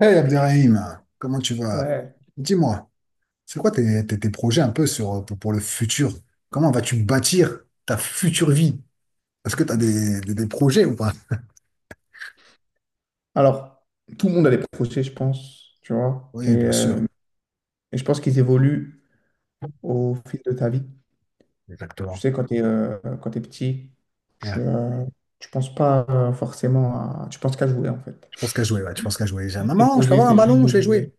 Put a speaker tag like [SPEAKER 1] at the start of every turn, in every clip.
[SPEAKER 1] Hey Abderrahim, comment tu vas?
[SPEAKER 2] Ouais.
[SPEAKER 1] Dis-moi, c'est quoi tes projets un peu pour le futur? Comment vas-tu bâtir ta future vie? Est-ce que tu as des projets ou pas?
[SPEAKER 2] Alors, tout le monde a des projets, je pense, tu vois.
[SPEAKER 1] Oui, bien sûr,
[SPEAKER 2] Et je pense qu'ils évoluent au fil de ta vie. Tu
[SPEAKER 1] exactement.
[SPEAKER 2] sais, quand tu es, Quand t'es petit, tu
[SPEAKER 1] Ouais.
[SPEAKER 2] ne penses pas forcément à... Tu penses qu'à jouer, en fait.
[SPEAKER 1] Je pense qu'à jouer, ouais, tu penses qu'à jouer.
[SPEAKER 2] Tes
[SPEAKER 1] Maman, je peux
[SPEAKER 2] projets,
[SPEAKER 1] avoir un
[SPEAKER 2] c'est juste
[SPEAKER 1] ballon,
[SPEAKER 2] de
[SPEAKER 1] je vais
[SPEAKER 2] jouer.
[SPEAKER 1] jouer.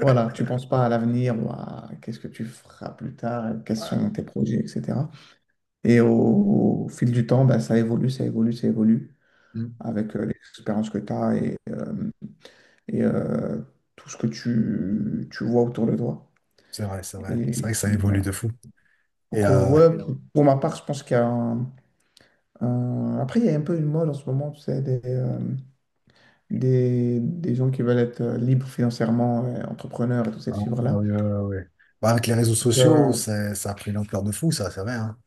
[SPEAKER 2] Voilà, tu penses pas à l'avenir ou à qu'est-ce que tu feras plus tard, quels
[SPEAKER 1] Ouais.
[SPEAKER 2] sont tes projets, etc. Et au fil du temps, bah, ça évolue, ça évolue, ça évolue
[SPEAKER 1] Mm.
[SPEAKER 2] avec l'expérience que tu as et tout ce que tu vois autour de toi.
[SPEAKER 1] C'est vrai, c'est vrai. C'est vrai
[SPEAKER 2] Et,
[SPEAKER 1] que ça évolue
[SPEAKER 2] voilà.
[SPEAKER 1] de fou. Et
[SPEAKER 2] Donc,
[SPEAKER 1] euh,
[SPEAKER 2] ouais, Mais pour, non. pour ma part, je pense qu'il y a un peu une mode en ce moment, c'est des gens qui veulent être libres financièrement, entrepreneurs et toute cette
[SPEAKER 1] ouais,
[SPEAKER 2] fibre-là.
[SPEAKER 1] ouais, ouais, ouais. Bah, avec les réseaux
[SPEAKER 2] Donc,
[SPEAKER 1] sociaux,
[SPEAKER 2] euh,
[SPEAKER 1] ça a pris l'ampleur de fou, ça, c'est vrai, hein.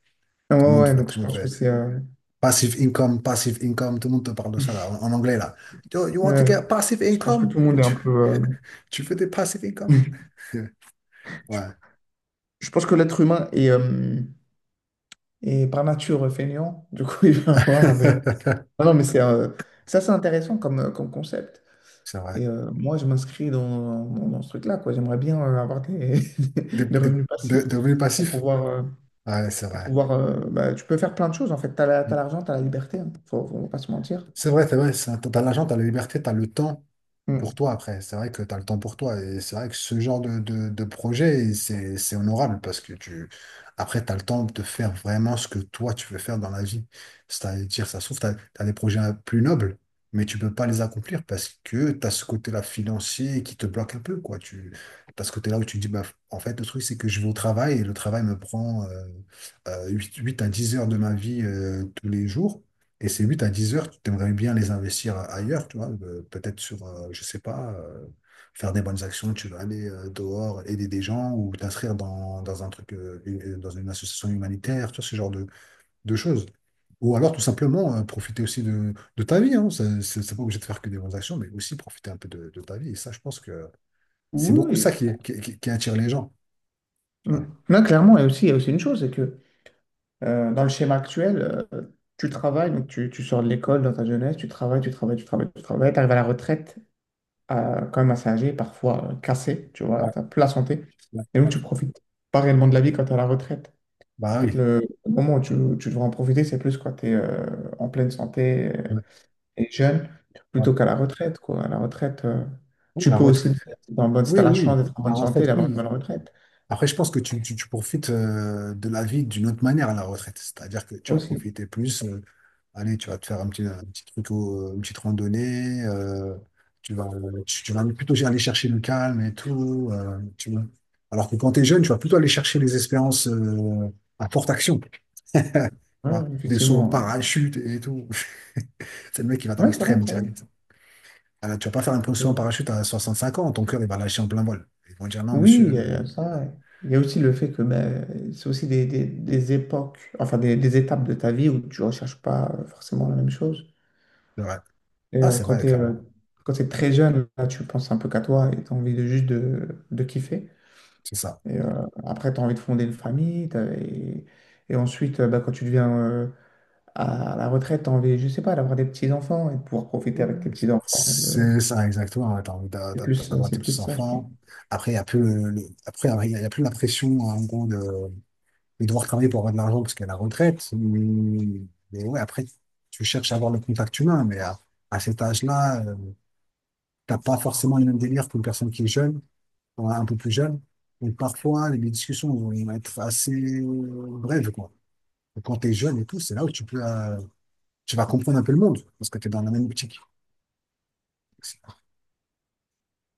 [SPEAKER 2] ouais, donc
[SPEAKER 1] Tout
[SPEAKER 2] je
[SPEAKER 1] le monde
[SPEAKER 2] pense que
[SPEAKER 1] fait. Passive income, tout le monde te parle de ça là, en anglais là. Yo, you want to
[SPEAKER 2] ouais,
[SPEAKER 1] get passive
[SPEAKER 2] je pense que
[SPEAKER 1] income?
[SPEAKER 2] tout le monde est
[SPEAKER 1] Tu,
[SPEAKER 2] un peu...
[SPEAKER 1] tu veux des passive
[SPEAKER 2] euh,
[SPEAKER 1] income?
[SPEAKER 2] je,
[SPEAKER 1] Ouais,
[SPEAKER 2] je pense que l'être humain est par nature feignant. Du coup, il va avoir de... Non, non, mais c'est... ça, C'est intéressant comme concept.
[SPEAKER 1] c'est vrai.
[SPEAKER 2] Moi, je m'inscris dans ce truc-là, quoi. J'aimerais bien avoir des,
[SPEAKER 1] Des,
[SPEAKER 2] des
[SPEAKER 1] des-
[SPEAKER 2] revenus passifs
[SPEAKER 1] de revenus
[SPEAKER 2] pour
[SPEAKER 1] passifs? Ouais, c'est
[SPEAKER 2] pour
[SPEAKER 1] vrai.
[SPEAKER 2] pouvoir bah, tu peux faire plein de choses, en fait.
[SPEAKER 1] Mm.
[SPEAKER 2] T'as l'argent, tu as la liberté, hein. Faut pas se mentir.
[SPEAKER 1] C'est vrai, t'as l'argent, t'as la liberté, t'as le temps pour
[SPEAKER 2] Mm.
[SPEAKER 1] toi après. C'est vrai que t'as le temps pour toi. Et c'est vrai que ce genre de projet, c'est honorable parce que après, t'as le temps de faire vraiment ce que toi, tu veux faire dans la vie. C'est-à-dire, ça se trouve, t'as des projets plus nobles, mais tu peux pas les accomplir parce que t'as ce côté-là financier qui te bloque un peu, quoi. T'as ce côté-là où tu te dis, bah, en fait, le truc, c'est que je vais au travail et le travail me prend 8 à 10 heures de ma vie tous les jours. Et ces 8 à 10 heures, tu aimerais bien les investir ailleurs, tu vois, peut-être sur, je sais pas, faire des bonnes actions, tu vas aller dehors, aider des gens ou t'inscrire dans un truc, dans une association humanitaire, tu vois, ce genre de choses. Ou alors tout simplement profiter aussi de ta vie, hein. C'est pas obligé de faire que des bonnes actions, mais aussi profiter un peu de ta vie. Et ça, je pense que c'est
[SPEAKER 2] Oui,
[SPEAKER 1] beaucoup
[SPEAKER 2] oui,
[SPEAKER 1] ça
[SPEAKER 2] après.
[SPEAKER 1] qui attire les gens, tu
[SPEAKER 2] Mm.
[SPEAKER 1] vois.
[SPEAKER 2] Non, clairement, et aussi, il y a aussi une chose, c'est que dans le schéma actuel, tu travailles, donc tu sors de l'école dans ta jeunesse, tu travailles, tu travailles, tu travailles, tu travailles, tu arrives à la retraite, à quand même assez âgé, parfois cassé, tu vois,
[SPEAKER 1] Ouais,
[SPEAKER 2] tu plus la santé.
[SPEAKER 1] ouais,
[SPEAKER 2] Et donc,
[SPEAKER 1] ouais.
[SPEAKER 2] tu profites pas réellement de la vie quand tu es à la retraite. En
[SPEAKER 1] Bah
[SPEAKER 2] fait,
[SPEAKER 1] oui.
[SPEAKER 2] le moment où tu devras en profiter, c'est plus quand tu es en pleine santé
[SPEAKER 1] Ouais.
[SPEAKER 2] et jeune,
[SPEAKER 1] Ouais,
[SPEAKER 2] plutôt qu'à la retraite, quoi. À la retraite,
[SPEAKER 1] ouais,
[SPEAKER 2] tu
[SPEAKER 1] la
[SPEAKER 2] peux
[SPEAKER 1] retraite.
[SPEAKER 2] aussi le faire si t'es en bonne, si
[SPEAKER 1] Oui,
[SPEAKER 2] t'as
[SPEAKER 1] oui,
[SPEAKER 2] la
[SPEAKER 1] oui,
[SPEAKER 2] chance d'être en
[SPEAKER 1] la
[SPEAKER 2] bonne santé et
[SPEAKER 1] retraite,
[SPEAKER 2] d'avoir une
[SPEAKER 1] oui.
[SPEAKER 2] bonne retraite
[SPEAKER 1] Après, je pense que tu profites de la vie d'une autre manière à la retraite. C'est-à-dire que tu vas
[SPEAKER 2] aussi.
[SPEAKER 1] profiter plus. Allez, tu vas te faire un petit truc, une petite randonnée. Tu vas, tu vas plutôt aller chercher le calme et tout, tu vois. Alors que quand tu es jeune, tu vas plutôt aller chercher les espérances à forte action, tu
[SPEAKER 2] Ouais,
[SPEAKER 1] vois. Des sauts en
[SPEAKER 2] effectivement.
[SPEAKER 1] parachute et tout. C'est le mec qui va dans
[SPEAKER 2] Oui, ça va,
[SPEAKER 1] l'extrême
[SPEAKER 2] ça va.
[SPEAKER 1] direct. Alors, tu vas pas faire un saut en
[SPEAKER 2] Ouais.
[SPEAKER 1] parachute à 65 ans. Ton cœur, il va lâcher en plein vol. Ils vont dire non,
[SPEAKER 2] Oui,
[SPEAKER 1] monsieur.
[SPEAKER 2] il y a ça,
[SPEAKER 1] Voilà.
[SPEAKER 2] ouais. Il y a aussi le fait que ben, c'est aussi des, des époques, enfin des étapes de ta vie où tu ne recherches pas forcément la même chose.
[SPEAKER 1] C'est vrai.
[SPEAKER 2] Et
[SPEAKER 1] Ah,
[SPEAKER 2] euh,
[SPEAKER 1] c'est
[SPEAKER 2] quand
[SPEAKER 1] vrai,
[SPEAKER 2] tu es,
[SPEAKER 1] clairement.
[SPEAKER 2] Quand t'es très jeune, là, tu penses un peu qu'à toi et tu as envie de juste de kiffer.
[SPEAKER 1] C'est ça.
[SPEAKER 2] Après, tu as envie de fonder une famille. Et ensuite, bah, quand tu deviens à la retraite, tu as envie, je sais pas, d'avoir des petits-enfants et de pouvoir profiter avec tes
[SPEAKER 1] C'est
[SPEAKER 2] petits-enfants. Et le-
[SPEAKER 1] c'est ça, exactement. Ouais, t'as envie d'a- d'a- d'avoir tes
[SPEAKER 2] C'est plus ça, je pense.
[SPEAKER 1] petits-enfants. Après, il n'y a plus après, il y a plus la pression, en gros, de devoir travailler pour avoir de l'argent parce qu'il y a la retraite. Mais ouais, après, tu cherches à avoir le contact humain. Mais à cet âge-là, t'as pas forcément le même délire qu'une personne qui est jeune, ou un peu plus jeune. Donc, parfois, les discussions vont être assez brèves, quoi. Et quand t'es jeune et tout, c'est là où tu peux, tu vas comprendre un peu le monde parce que t'es dans la même optique.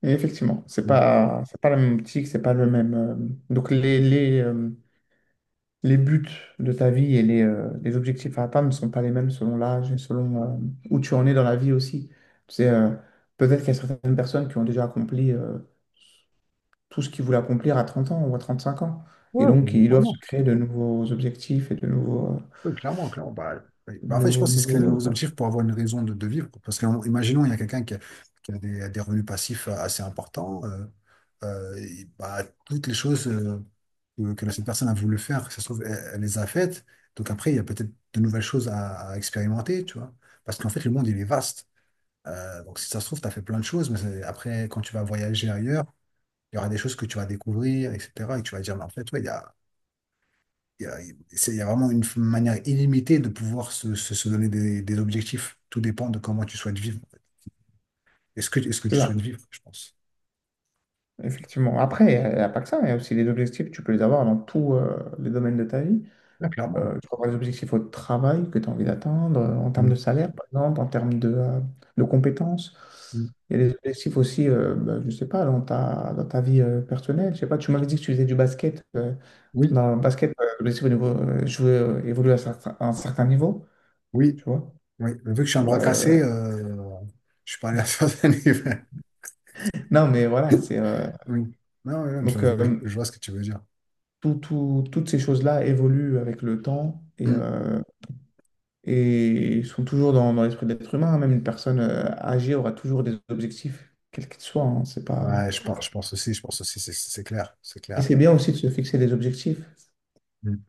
[SPEAKER 2] Et effectivement, c'est pas la même optique, c'est pas le même. Donc, les, les, euh, les buts de ta vie et les objectifs à atteindre ne sont pas les mêmes selon l'âge et selon où tu en es dans la vie aussi. Tu sais, euh, Peut-être qu'il y a certaines personnes qui ont déjà accompli, tout ce qu'ils voulait accomplir à 30 ans ou à 35 ans.
[SPEAKER 1] Ouais,
[SPEAKER 2] Et donc,
[SPEAKER 1] clairement,
[SPEAKER 2] ils doivent se
[SPEAKER 1] clairement.
[SPEAKER 2] créer de nouveaux objectifs et de
[SPEAKER 1] Ouais, clairement, clairement. Bah, ouais. Bah, en fait, je pense que c'est se
[SPEAKER 2] nouveaux
[SPEAKER 1] créer de
[SPEAKER 2] goals,
[SPEAKER 1] nouveaux
[SPEAKER 2] quoi.
[SPEAKER 1] objectifs pour avoir une raison de vivre. Parce que, imaginons, il y a quelqu'un qui a, des revenus passifs assez importants. Et, bah, toutes les choses que cette personne a voulu faire, que ça se trouve, elle les a faites. Donc après, il y a peut-être de nouvelles choses à expérimenter, tu vois. Parce qu'en fait, le monde, il est vaste. Donc si ça se trouve, tu as fait plein de choses, mais après, quand tu vas voyager ailleurs, il y aura des choses que tu vas découvrir, etc. Et tu vas dire, mais en fait, ouais, il y a, il y a vraiment une manière illimitée de pouvoir se donner des objectifs. Tout dépend de comment tu souhaites vivre. Est-ce que
[SPEAKER 2] C'est
[SPEAKER 1] tu
[SPEAKER 2] ça,
[SPEAKER 1] souhaites vivre, je pense.
[SPEAKER 2] effectivement. Après, il n'y a pas que ça, il y a aussi les objectifs, tu peux les avoir dans tous les domaines de ta vie.
[SPEAKER 1] Ouais, clairement.
[SPEAKER 2] Tu peux avoir des objectifs au travail que tu as envie d'atteindre, en termes de
[SPEAKER 1] Mm,
[SPEAKER 2] salaire, par exemple, en termes de compétences.
[SPEAKER 1] mm.
[SPEAKER 2] Il y a des objectifs aussi, bah, je ne sais pas, dans dans ta vie personnelle. Je sais pas, tu m'avais dit que tu faisais du basket.
[SPEAKER 1] Oui,
[SPEAKER 2] Dans le basket, l'objectif au niveau, jouer, évoluer à, certain- à un certain niveau.
[SPEAKER 1] oui,
[SPEAKER 2] Tu vois?
[SPEAKER 1] oui. Vu que je suis un
[SPEAKER 2] Tu vois,
[SPEAKER 1] bras
[SPEAKER 2] euh,
[SPEAKER 1] cassé, je suis pas allé à certains niveaux.
[SPEAKER 2] Non, mais voilà, c'est
[SPEAKER 1] Oui. Non, non,
[SPEAKER 2] donc
[SPEAKER 1] je, je- je vois ce que tu veux dire.
[SPEAKER 2] tout- tout- toutes ces choses-là évoluent avec le temps
[SPEAKER 1] Mm.
[SPEAKER 2] et sont toujours dans, dans l'esprit de l'être humain, hein. Même une personne âgée aura toujours des objectifs, quels qu'ils soient, hein. C'est pas...
[SPEAKER 1] Ouais, je pense aussi, c'est clair, c'est
[SPEAKER 2] Et
[SPEAKER 1] clair.
[SPEAKER 2] c'est bien aussi de se fixer des objectifs.
[SPEAKER 1] Mm.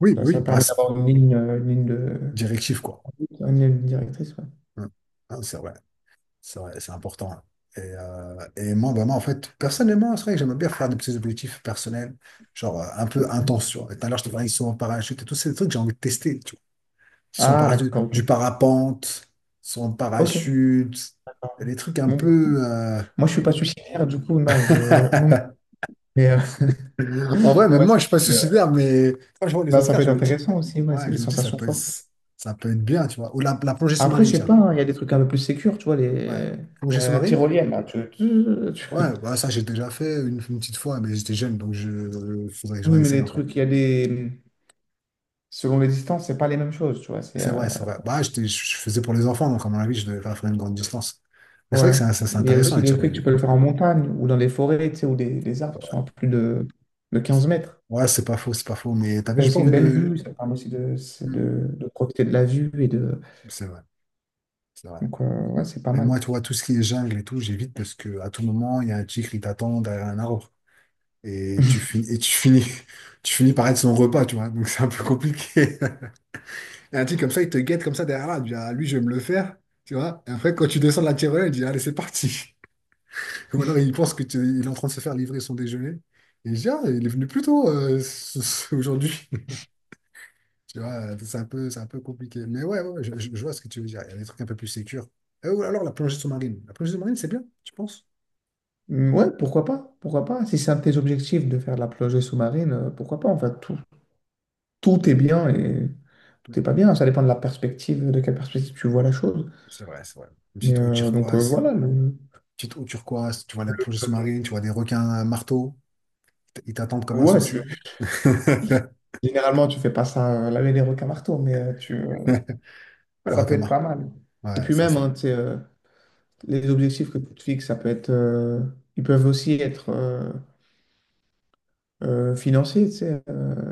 [SPEAKER 1] Oui,
[SPEAKER 2] Ça
[SPEAKER 1] oui,
[SPEAKER 2] permet
[SPEAKER 1] passe
[SPEAKER 2] d'avoir une ligne de...
[SPEAKER 1] directif, quoi.
[SPEAKER 2] une ligne directrice, ouais.
[SPEAKER 1] Mm. Ah, c'est vrai. C'est vrai, c'est important, hein. Et moi, vraiment, en fait, personnellement, c'est vrai que j'aime bien faire des petits objectifs personnels, genre un peu intenses, tu vois. Et tout à l'heure, je te parlais, ils sont en parachute et tous ces trucs que j'ai envie de tester. Tu vois. Ils sont en
[SPEAKER 2] Ah,
[SPEAKER 1] parachute,
[SPEAKER 2] d'accord,
[SPEAKER 1] du
[SPEAKER 2] ok.
[SPEAKER 1] parapente, ils sont en
[SPEAKER 2] Ok.
[SPEAKER 1] parachute,
[SPEAKER 2] Bon.
[SPEAKER 1] les trucs un peu.
[SPEAKER 2] Moi, je suis pas suicidaire, du coup, non, je... non mais mais, euh,
[SPEAKER 1] En vrai, même
[SPEAKER 2] ouais,
[SPEAKER 1] moi, je suis pas suicidaire, mais quand je vois les
[SPEAKER 2] bah,
[SPEAKER 1] autres
[SPEAKER 2] ça
[SPEAKER 1] faire,
[SPEAKER 2] peut
[SPEAKER 1] je
[SPEAKER 2] être
[SPEAKER 1] me dis,
[SPEAKER 2] intéressant aussi, ouais,
[SPEAKER 1] ouais,
[SPEAKER 2] c'est
[SPEAKER 1] je
[SPEAKER 2] des
[SPEAKER 1] me dis, ça
[SPEAKER 2] sensations
[SPEAKER 1] peut,
[SPEAKER 2] fortes.
[SPEAKER 1] ça peut être bien, tu vois. Ou la plongée
[SPEAKER 2] Après,
[SPEAKER 1] sous-marine,
[SPEAKER 2] je sais
[SPEAKER 1] tiens.
[SPEAKER 2] pas, hein, il y a des trucs un peu plus sécures, tu vois,
[SPEAKER 1] Ouais,
[SPEAKER 2] les... il y
[SPEAKER 1] plongée
[SPEAKER 2] a la
[SPEAKER 1] sous-marine.
[SPEAKER 2] tyrolienne, là, tu-
[SPEAKER 1] Ouais, bah ça j'ai déjà fait une petite fois, mais j'étais jeune, donc je faudrait que je
[SPEAKER 2] Oui, mais
[SPEAKER 1] réessaye
[SPEAKER 2] les
[SPEAKER 1] encore.
[SPEAKER 2] trucs, il y a des... Selon les distances, c'est pas les mêmes choses, tu vois,
[SPEAKER 1] C'est vrai, c'est vrai. Bah je faisais pour les enfants, donc à mon avis, je devais pas faire une grande distance. Mais c'est vrai que
[SPEAKER 2] ouais.
[SPEAKER 1] c'est
[SPEAKER 2] Il y a
[SPEAKER 1] intéressant
[SPEAKER 2] aussi
[SPEAKER 1] la
[SPEAKER 2] le fait que
[SPEAKER 1] tyrolienne.
[SPEAKER 2] tu peux le faire en montagne ou dans les forêts, tu sais, où des, les arbres sont à plus de 15 mètres.
[SPEAKER 1] Ouais, c'est pas faux, c'est pas faux. Mais t'as
[SPEAKER 2] Tu
[SPEAKER 1] vu,
[SPEAKER 2] as
[SPEAKER 1] j'ai pas
[SPEAKER 2] aussi une
[SPEAKER 1] envie
[SPEAKER 2] belle
[SPEAKER 1] de.
[SPEAKER 2] vue, ça te permet aussi de, c'est
[SPEAKER 1] Hmm.
[SPEAKER 2] de profiter de la vue et de...
[SPEAKER 1] C'est vrai, c'est vrai.
[SPEAKER 2] Ouais, c'est pas
[SPEAKER 1] Et moi,
[SPEAKER 2] mal.
[SPEAKER 1] tu vois, tout ce qui est jungle et tout, j'évite parce que à tout moment, il y a un tigre qui t'attend derrière un arbre. Et tu finis tu finis par être son repas, tu vois. Donc c'est un peu compliqué. Et un type comme ça, il te guette comme ça derrière là. Il dit, ah, lui, je vais me le faire. Tu vois? Et après, quand tu descends de la tirelire, il dit, allez, c'est parti. Ou alors, il pense que il est en train de se faire livrer son déjeuner. Et il dit ah, il est venu plus tôt aujourd'hui. Tu vois, c'est un peu compliqué. Mais ouais, ouais, ouais, je vois ce que tu veux dire. Il y a des trucs un peu plus sécures. Ou alors, la plongée sous-marine. La plongée sous-marine, c'est bien, tu penses?
[SPEAKER 2] Ouais, pourquoi pas? Pourquoi pas? Si c'est un de tes objectifs de faire de la plongée sous-marine, pourquoi pas? En fait, tout, tout est bien et.
[SPEAKER 1] Oui.
[SPEAKER 2] Tout est pas bien. Ça dépend de la perspective, de quelle perspective tu vois la chose.
[SPEAKER 1] C'est vrai, c'est vrai. Une petite eau turquoise.
[SPEAKER 2] Voilà,
[SPEAKER 1] Petite eau turquoise. Tu vois la plongée
[SPEAKER 2] euh,
[SPEAKER 1] sous-marine, tu vois des requins à marteau. Ils t'attendent comme un
[SPEAKER 2] ouais, tu,
[SPEAKER 1] souci.
[SPEAKER 2] généralement tu fais pas ça laver les requins marteaux,
[SPEAKER 1] Voilà,
[SPEAKER 2] ça peut être
[SPEAKER 1] requin-mare.
[SPEAKER 2] pas mal. Et
[SPEAKER 1] Ouais,
[SPEAKER 2] puis
[SPEAKER 1] ça,
[SPEAKER 2] même,
[SPEAKER 1] ça
[SPEAKER 2] hein, tu sais, les objectifs que tu te fixes, ça peut être, ils peuvent aussi être financiers. Tu sais,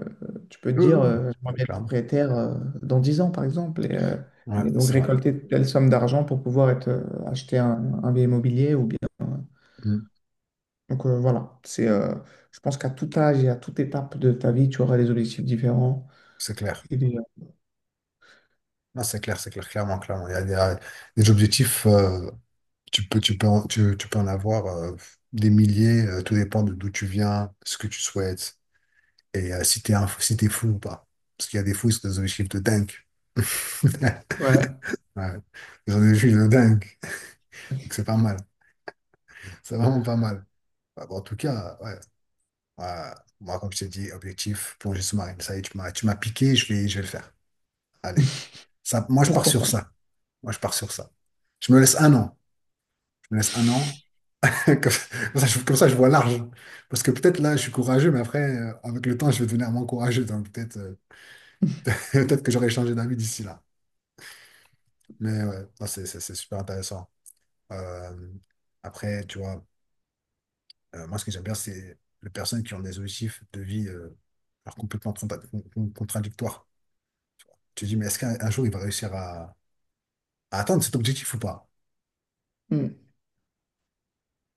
[SPEAKER 2] tu peux te
[SPEAKER 1] Oui,
[SPEAKER 2] dire,
[SPEAKER 1] oui,
[SPEAKER 2] j'aimerais
[SPEAKER 1] oui,
[SPEAKER 2] bien être
[SPEAKER 1] clairement.
[SPEAKER 2] propriétaire dans 10 ans, par exemple,
[SPEAKER 1] Ouais,
[SPEAKER 2] et donc
[SPEAKER 1] c'est vrai.
[SPEAKER 2] récolter telle somme d'argent pour pouvoir être, acheter un bien immobilier ou
[SPEAKER 1] Mm,
[SPEAKER 2] Voilà, je pense qu'à tout âge et à toute étape de ta vie, tu auras des objectifs différents.
[SPEAKER 1] c'est clair.
[SPEAKER 2] Et des-
[SPEAKER 1] Non, c'est clair, clairement, clairement. Il y a des objectifs, tu peux en, tu peux en avoir des milliers, tout dépend de d'où tu viens, ce que tu souhaites, et si t'es si t'es fou ou pas. Parce qu'il y a des fous, c'est des objectifs de dingue.
[SPEAKER 2] ouais,
[SPEAKER 1] Ouais, j'en ai vu de dingue. Donc c'est pas mal. C'est vraiment pas mal. Bah, bon, en tout cas, ouais, ouais, moi, comme je t'ai dit, objectif, plongée sous-marine. Ça y est, tu m'as piqué, je vais le faire. Allez. Ça, moi, je pars
[SPEAKER 2] pourquoi
[SPEAKER 1] sur
[SPEAKER 2] pas.
[SPEAKER 1] ça. Moi, je pars sur ça. Je me laisse 1 an. Je me laisse un an. Comme ça, comme ça, je vois large. Parce que peut-être là, je suis courageux, mais après, avec le temps, je vais devenir moins courageux. Donc peut-être peut-être que j'aurai changé d'avis d'ici là. Mais ouais, non, c'est super intéressant. Euh, Après, tu vois, moi, ce que j'aime bien, c'est les personnes qui ont des objectifs de vie alors complètement contradictoires. Tu te dis, mais est-ce qu'un jour, il va réussir à, atteindre cet objectif ou pas?
[SPEAKER 2] Hmm.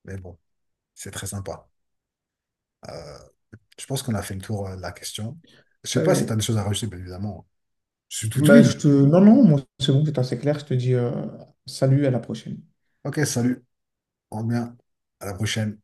[SPEAKER 1] Mais bon, c'est très sympa. Euh, Je pense qu'on a fait le tour de la question. Je sais
[SPEAKER 2] Ouais,
[SPEAKER 1] pas si tu as
[SPEAKER 2] ouais.
[SPEAKER 1] des choses à rajouter, bien évidemment. Je suis tout
[SPEAKER 2] Bah,
[SPEAKER 1] oui.
[SPEAKER 2] je te... Non, non, moi, c'est bon, c'est assez clair. Je te dis salut, à la prochaine.
[SPEAKER 1] Ok, salut. On revient. À la prochaine.